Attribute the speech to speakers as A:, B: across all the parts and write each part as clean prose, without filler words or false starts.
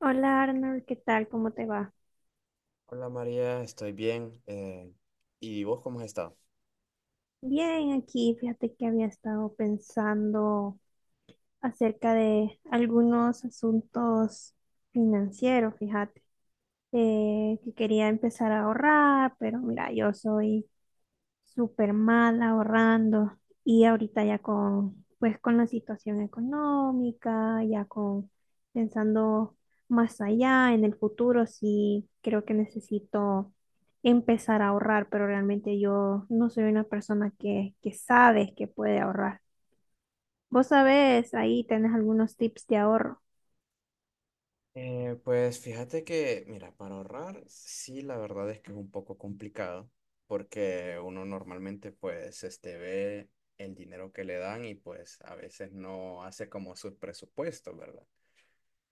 A: Hola Arnold, ¿qué tal? ¿Cómo te va?
B: Hola María, estoy bien. ¿Y vos cómo has estado?
A: Bien, aquí fíjate que había estado pensando acerca de algunos asuntos financieros, fíjate, que quería empezar a ahorrar, pero mira, yo soy súper mal ahorrando y ahorita ya con, pues con la situación económica, ya con pensando más allá en el futuro, sí creo que necesito empezar a ahorrar, pero realmente yo no soy una persona que sabe que puede ahorrar. Vos sabés, ahí tenés algunos tips de ahorro.
B: Pues fíjate que, mira, para ahorrar, sí, la verdad es que es un poco complicado porque uno normalmente pues este ve el dinero que le dan y pues a veces no hace como sus presupuestos, ¿verdad?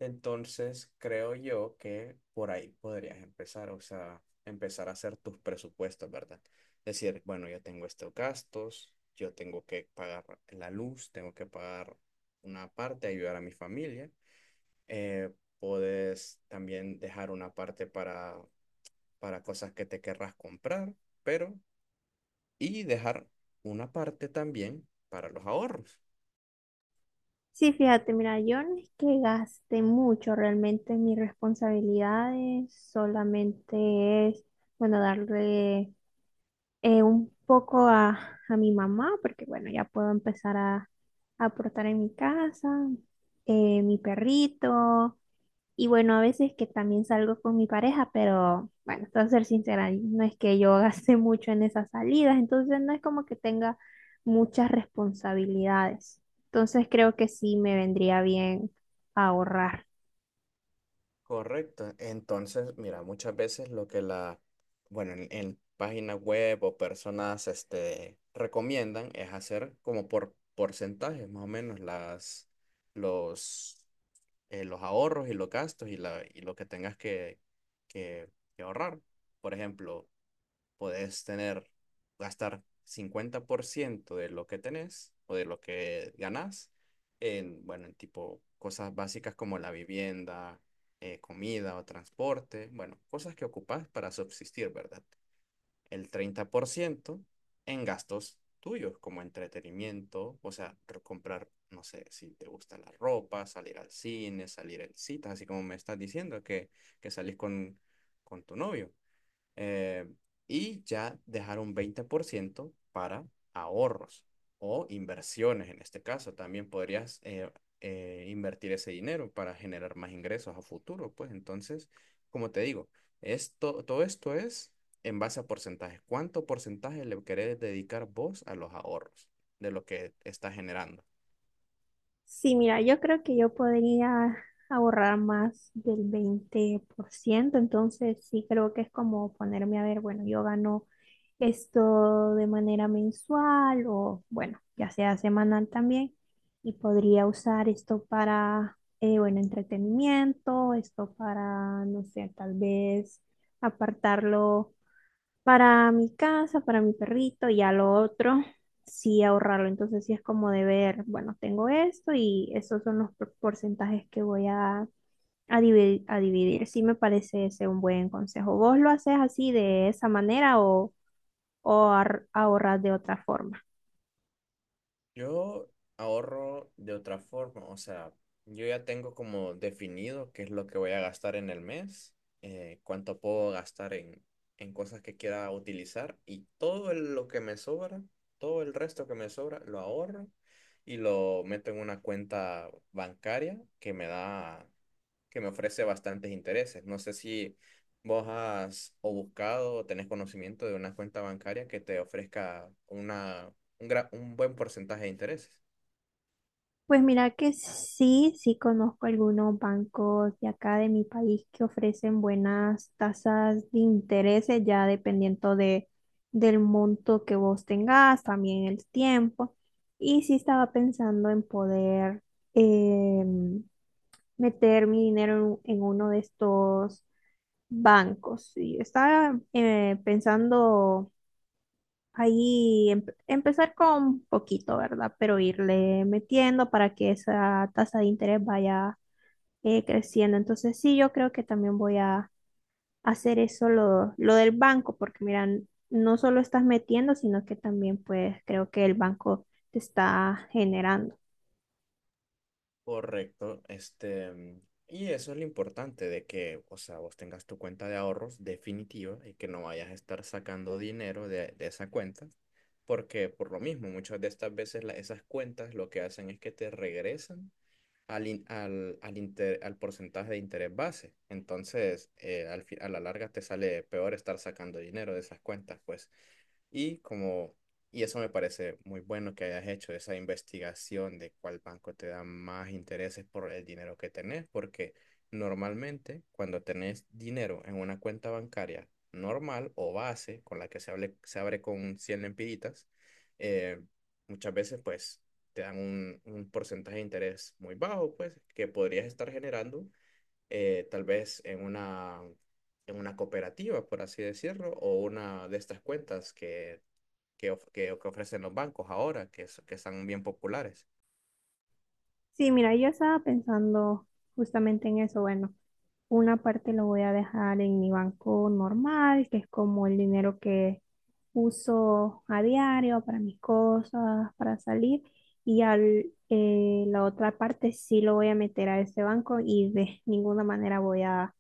B: Entonces, creo yo que por ahí podrías empezar, o sea, empezar a hacer tus presupuestos, ¿verdad? Decir, bueno, yo tengo estos gastos, yo tengo que pagar la luz, tengo que pagar una parte, ayudar a mi familia. Eh, Puedes también dejar una parte para cosas que te querrás comprar, pero, y dejar una parte también para los ahorros.
A: Sí, fíjate, mira, yo no es que gaste mucho realmente en mis responsabilidades, solamente es, bueno, darle un poco a mi mamá, porque bueno, ya puedo empezar a aportar en mi casa, mi perrito. Y bueno, a veces que también salgo con mi pareja, pero bueno, para ser sincera, no es que yo gaste mucho en esas salidas, entonces no es como que tenga muchas responsabilidades. Entonces creo que sí me vendría bien ahorrar.
B: Correcto. Entonces, mira, muchas veces lo que la, bueno, en páginas web o personas, este, recomiendan es hacer como por porcentajes, más o menos, las, los, los ahorros y los gastos y la, y lo que tengas que, que ahorrar. Por ejemplo, podés tener, gastar 50% de lo que tenés o de lo que ganás en, bueno, en tipo cosas básicas como la vivienda, comida o transporte, bueno, cosas que ocupás para subsistir, ¿verdad? El 30% en gastos tuyos como entretenimiento, o sea, comprar, no sé, si te gusta la ropa, salir al cine, salir en citas, así como me estás diciendo que salís con tu novio eh, y ya dejar un 20% para ahorros o inversiones en este caso. También podrías invertir ese dinero para generar más ingresos a futuro. Pues entonces, como te digo, esto, todo esto es en base a porcentajes. ¿Cuánto porcentaje le querés dedicar vos a los ahorros de lo que estás generando?
A: Sí, mira, yo creo que yo podría ahorrar más del 20%, entonces sí creo que es como ponerme a ver, bueno, yo gano esto de manera mensual o bueno, ya sea semanal también. Y podría usar esto para, bueno, entretenimiento, esto para, no sé, tal vez apartarlo para mi casa, para mi perrito y a lo otro, sí ahorrarlo. Entonces sí es como de ver, bueno, tengo esto y estos son los porcentajes que voy a dividir, a dividir. Sí me parece ese un buen consejo. ¿Vos lo haces así de esa manera o ahorrar de otra forma?
B: Yo ahorro de otra forma, o sea, yo ya tengo como definido qué es lo que voy a gastar en el mes, cuánto puedo gastar en cosas que quiera utilizar y todo lo que me sobra, todo el resto que me sobra, lo ahorro y lo meto en una cuenta bancaria que me da que me ofrece bastantes intereses. No sé si vos has o buscado o tenés conocimiento de una cuenta bancaria que te ofrezca una, un, un buen porcentaje de intereses.
A: Pues mira que sí, sí conozco algunos bancos de acá de mi país que ofrecen buenas tasas de intereses, ya dependiendo de, del monto que vos tengas, también el tiempo. Y sí estaba pensando en poder em, meter mi dinero en uno de estos bancos. Y estaba pensando ahí empezar con poquito, ¿verdad? Pero irle metiendo para que esa tasa de interés vaya creciendo. Entonces sí, yo creo que también voy a hacer eso lo del banco, porque mira, no solo estás metiendo, sino que también pues creo que el banco te está generando.
B: Correcto, este, y eso es lo importante de que, o sea, vos tengas tu cuenta de ahorros definitiva y que no vayas a estar sacando dinero de esa cuenta, porque por lo mismo, muchas de estas veces esas cuentas lo que hacen es que te regresan al, al porcentaje de interés base. Entonces, al a la larga te sale peor estar sacando dinero de esas cuentas, pues. Y como, y eso me parece muy bueno que hayas hecho esa investigación de cuál banco te da más intereses por el dinero que tenés, porque normalmente cuando tenés dinero en una cuenta bancaria normal o base, con la que se, se abre con 100 lempiritas, eh, muchas veces pues te dan un porcentaje de interés muy bajo, pues, que podrías estar generando tal vez en una cooperativa, por así decirlo, o una de estas cuentas que, que ofrecen los bancos ahora, que, que están bien populares.
A: Sí, mira, yo estaba pensando justamente en eso. Bueno, una parte lo voy a dejar en mi banco normal, que es como el dinero que uso a diario para mis cosas, para salir, y al, la otra parte sí lo voy a meter a ese banco y de ninguna manera voy a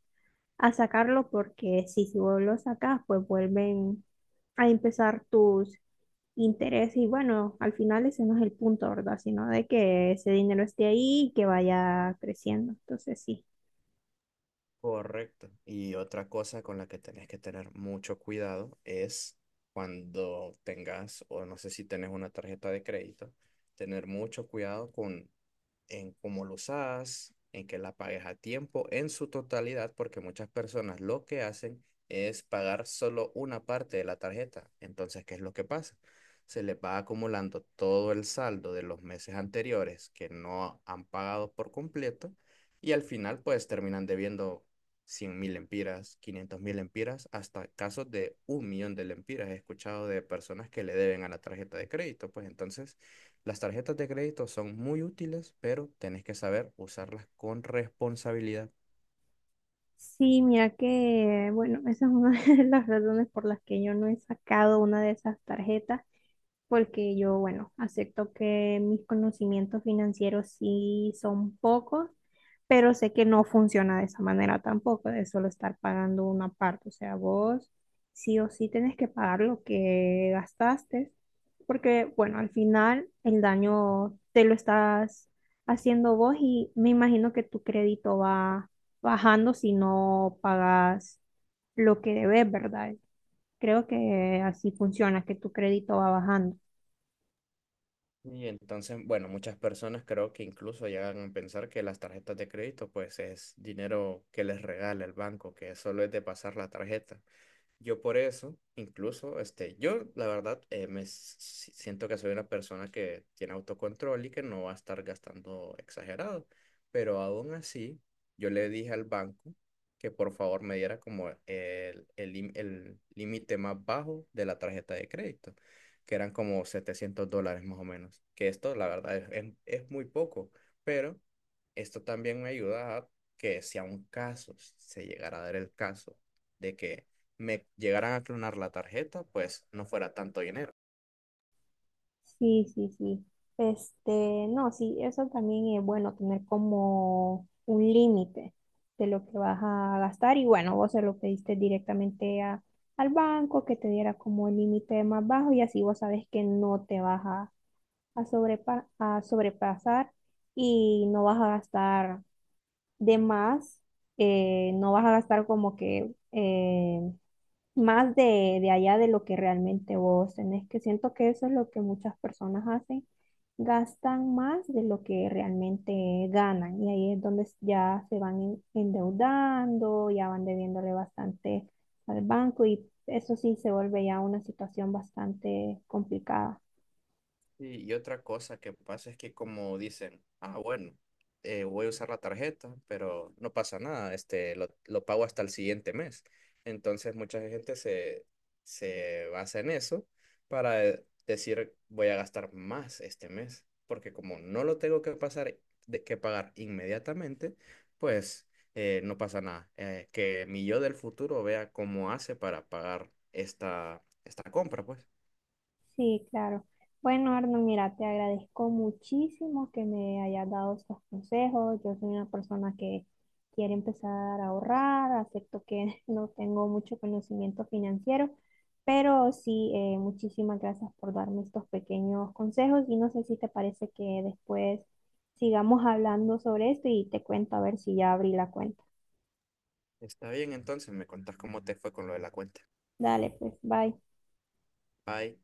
A: a sacarlo porque si vos lo sacas, pues vuelven a empezar tus intereses y bueno, al final ese no es el punto, ¿verdad? Sino de que ese dinero esté ahí y que vaya creciendo. Entonces sí.
B: Correcto. Y otra cosa con la que tenés que tener mucho cuidado es cuando tengas, o no sé si tenés una tarjeta de crédito, tener mucho cuidado con en cómo lo usas, en que la pagues a tiempo, en su totalidad, porque muchas personas lo que hacen es pagar solo una parte de la tarjeta. Entonces, ¿qué es lo que pasa? Se les va acumulando todo el saldo de los meses anteriores que no han pagado por completo y al final pues terminan debiendo 100.000 empiras, 500.000 empiras, hasta casos de 1.000.000 de lempiras. He escuchado de personas que le deben a la tarjeta de crédito, pues entonces las tarjetas de crédito son muy útiles, pero tenés que saber usarlas con responsabilidad.
A: Sí, mira que, bueno, esa es una de las razones por las que yo no he sacado una de esas tarjetas porque yo, bueno, acepto que mis conocimientos financieros sí son pocos, pero sé que no funciona de esa manera tampoco, de solo estar pagando una parte. O sea, vos sí o sí tenés que pagar lo que gastaste, porque, bueno, al final el daño te lo estás haciendo vos y me imagino que tu crédito va bajando si no pagas lo que debes, ¿verdad? Creo que así funciona, que tu crédito va bajando.
B: Y entonces, bueno, muchas personas creo que incluso llegan a pensar que las tarjetas de crédito pues es dinero que les regala el banco, que solo es de pasar la tarjeta. Yo por eso, incluso, este, yo la verdad siento que soy una persona que tiene autocontrol y que no va a estar gastando exagerado, pero aún así yo le dije al banco que por favor me diera como el, el límite más bajo de la tarjeta de crédito, que eran como $700 más o menos, que esto la verdad es es muy poco, pero esto también me ayuda a que si a un caso se llegara a dar el caso de que me llegaran a clonar la tarjeta, pues no fuera tanto dinero.
A: Sí, sí, sí. Este, no, sí, eso también es bueno tener como un límite de lo que vas a gastar y bueno, vos se lo pediste directamente a- al banco que te diera como el límite más bajo y así vos sabes que no te vas a, a sobrepasar y no vas a gastar de más, no vas a gastar como que más de allá de lo que realmente vos tenés, que siento que eso es lo que muchas personas hacen, gastan más de lo que realmente ganan y ahí es donde ya se van endeudando, ya van debiéndole bastante al banco y eso sí se vuelve ya una situación bastante complicada.
B: Sí, y otra cosa que pasa es que como dicen, ah, bueno, voy a usar la tarjeta, pero no pasa nada, este, lo pago hasta el siguiente mes. Entonces mucha gente se, se basa en eso para decir, voy a gastar más este mes, porque como no lo tengo que pasar, de, que pagar inmediatamente, pues no pasa nada. Que mi yo del futuro vea cómo hace para pagar esta, esta compra, pues.
A: Sí, claro. Bueno, Arno, mira, te agradezco muchísimo que me hayas dado estos consejos. Yo soy una persona que quiere empezar a ahorrar, acepto que no tengo mucho conocimiento financiero, pero sí, muchísimas gracias por darme estos pequeños consejos y no sé si te parece que después sigamos hablando sobre esto y te cuento a ver si ya abrí la cuenta.
B: Está bien, entonces me contás cómo te fue con lo de la cuenta.
A: Dale, pues, bye.
B: Bye.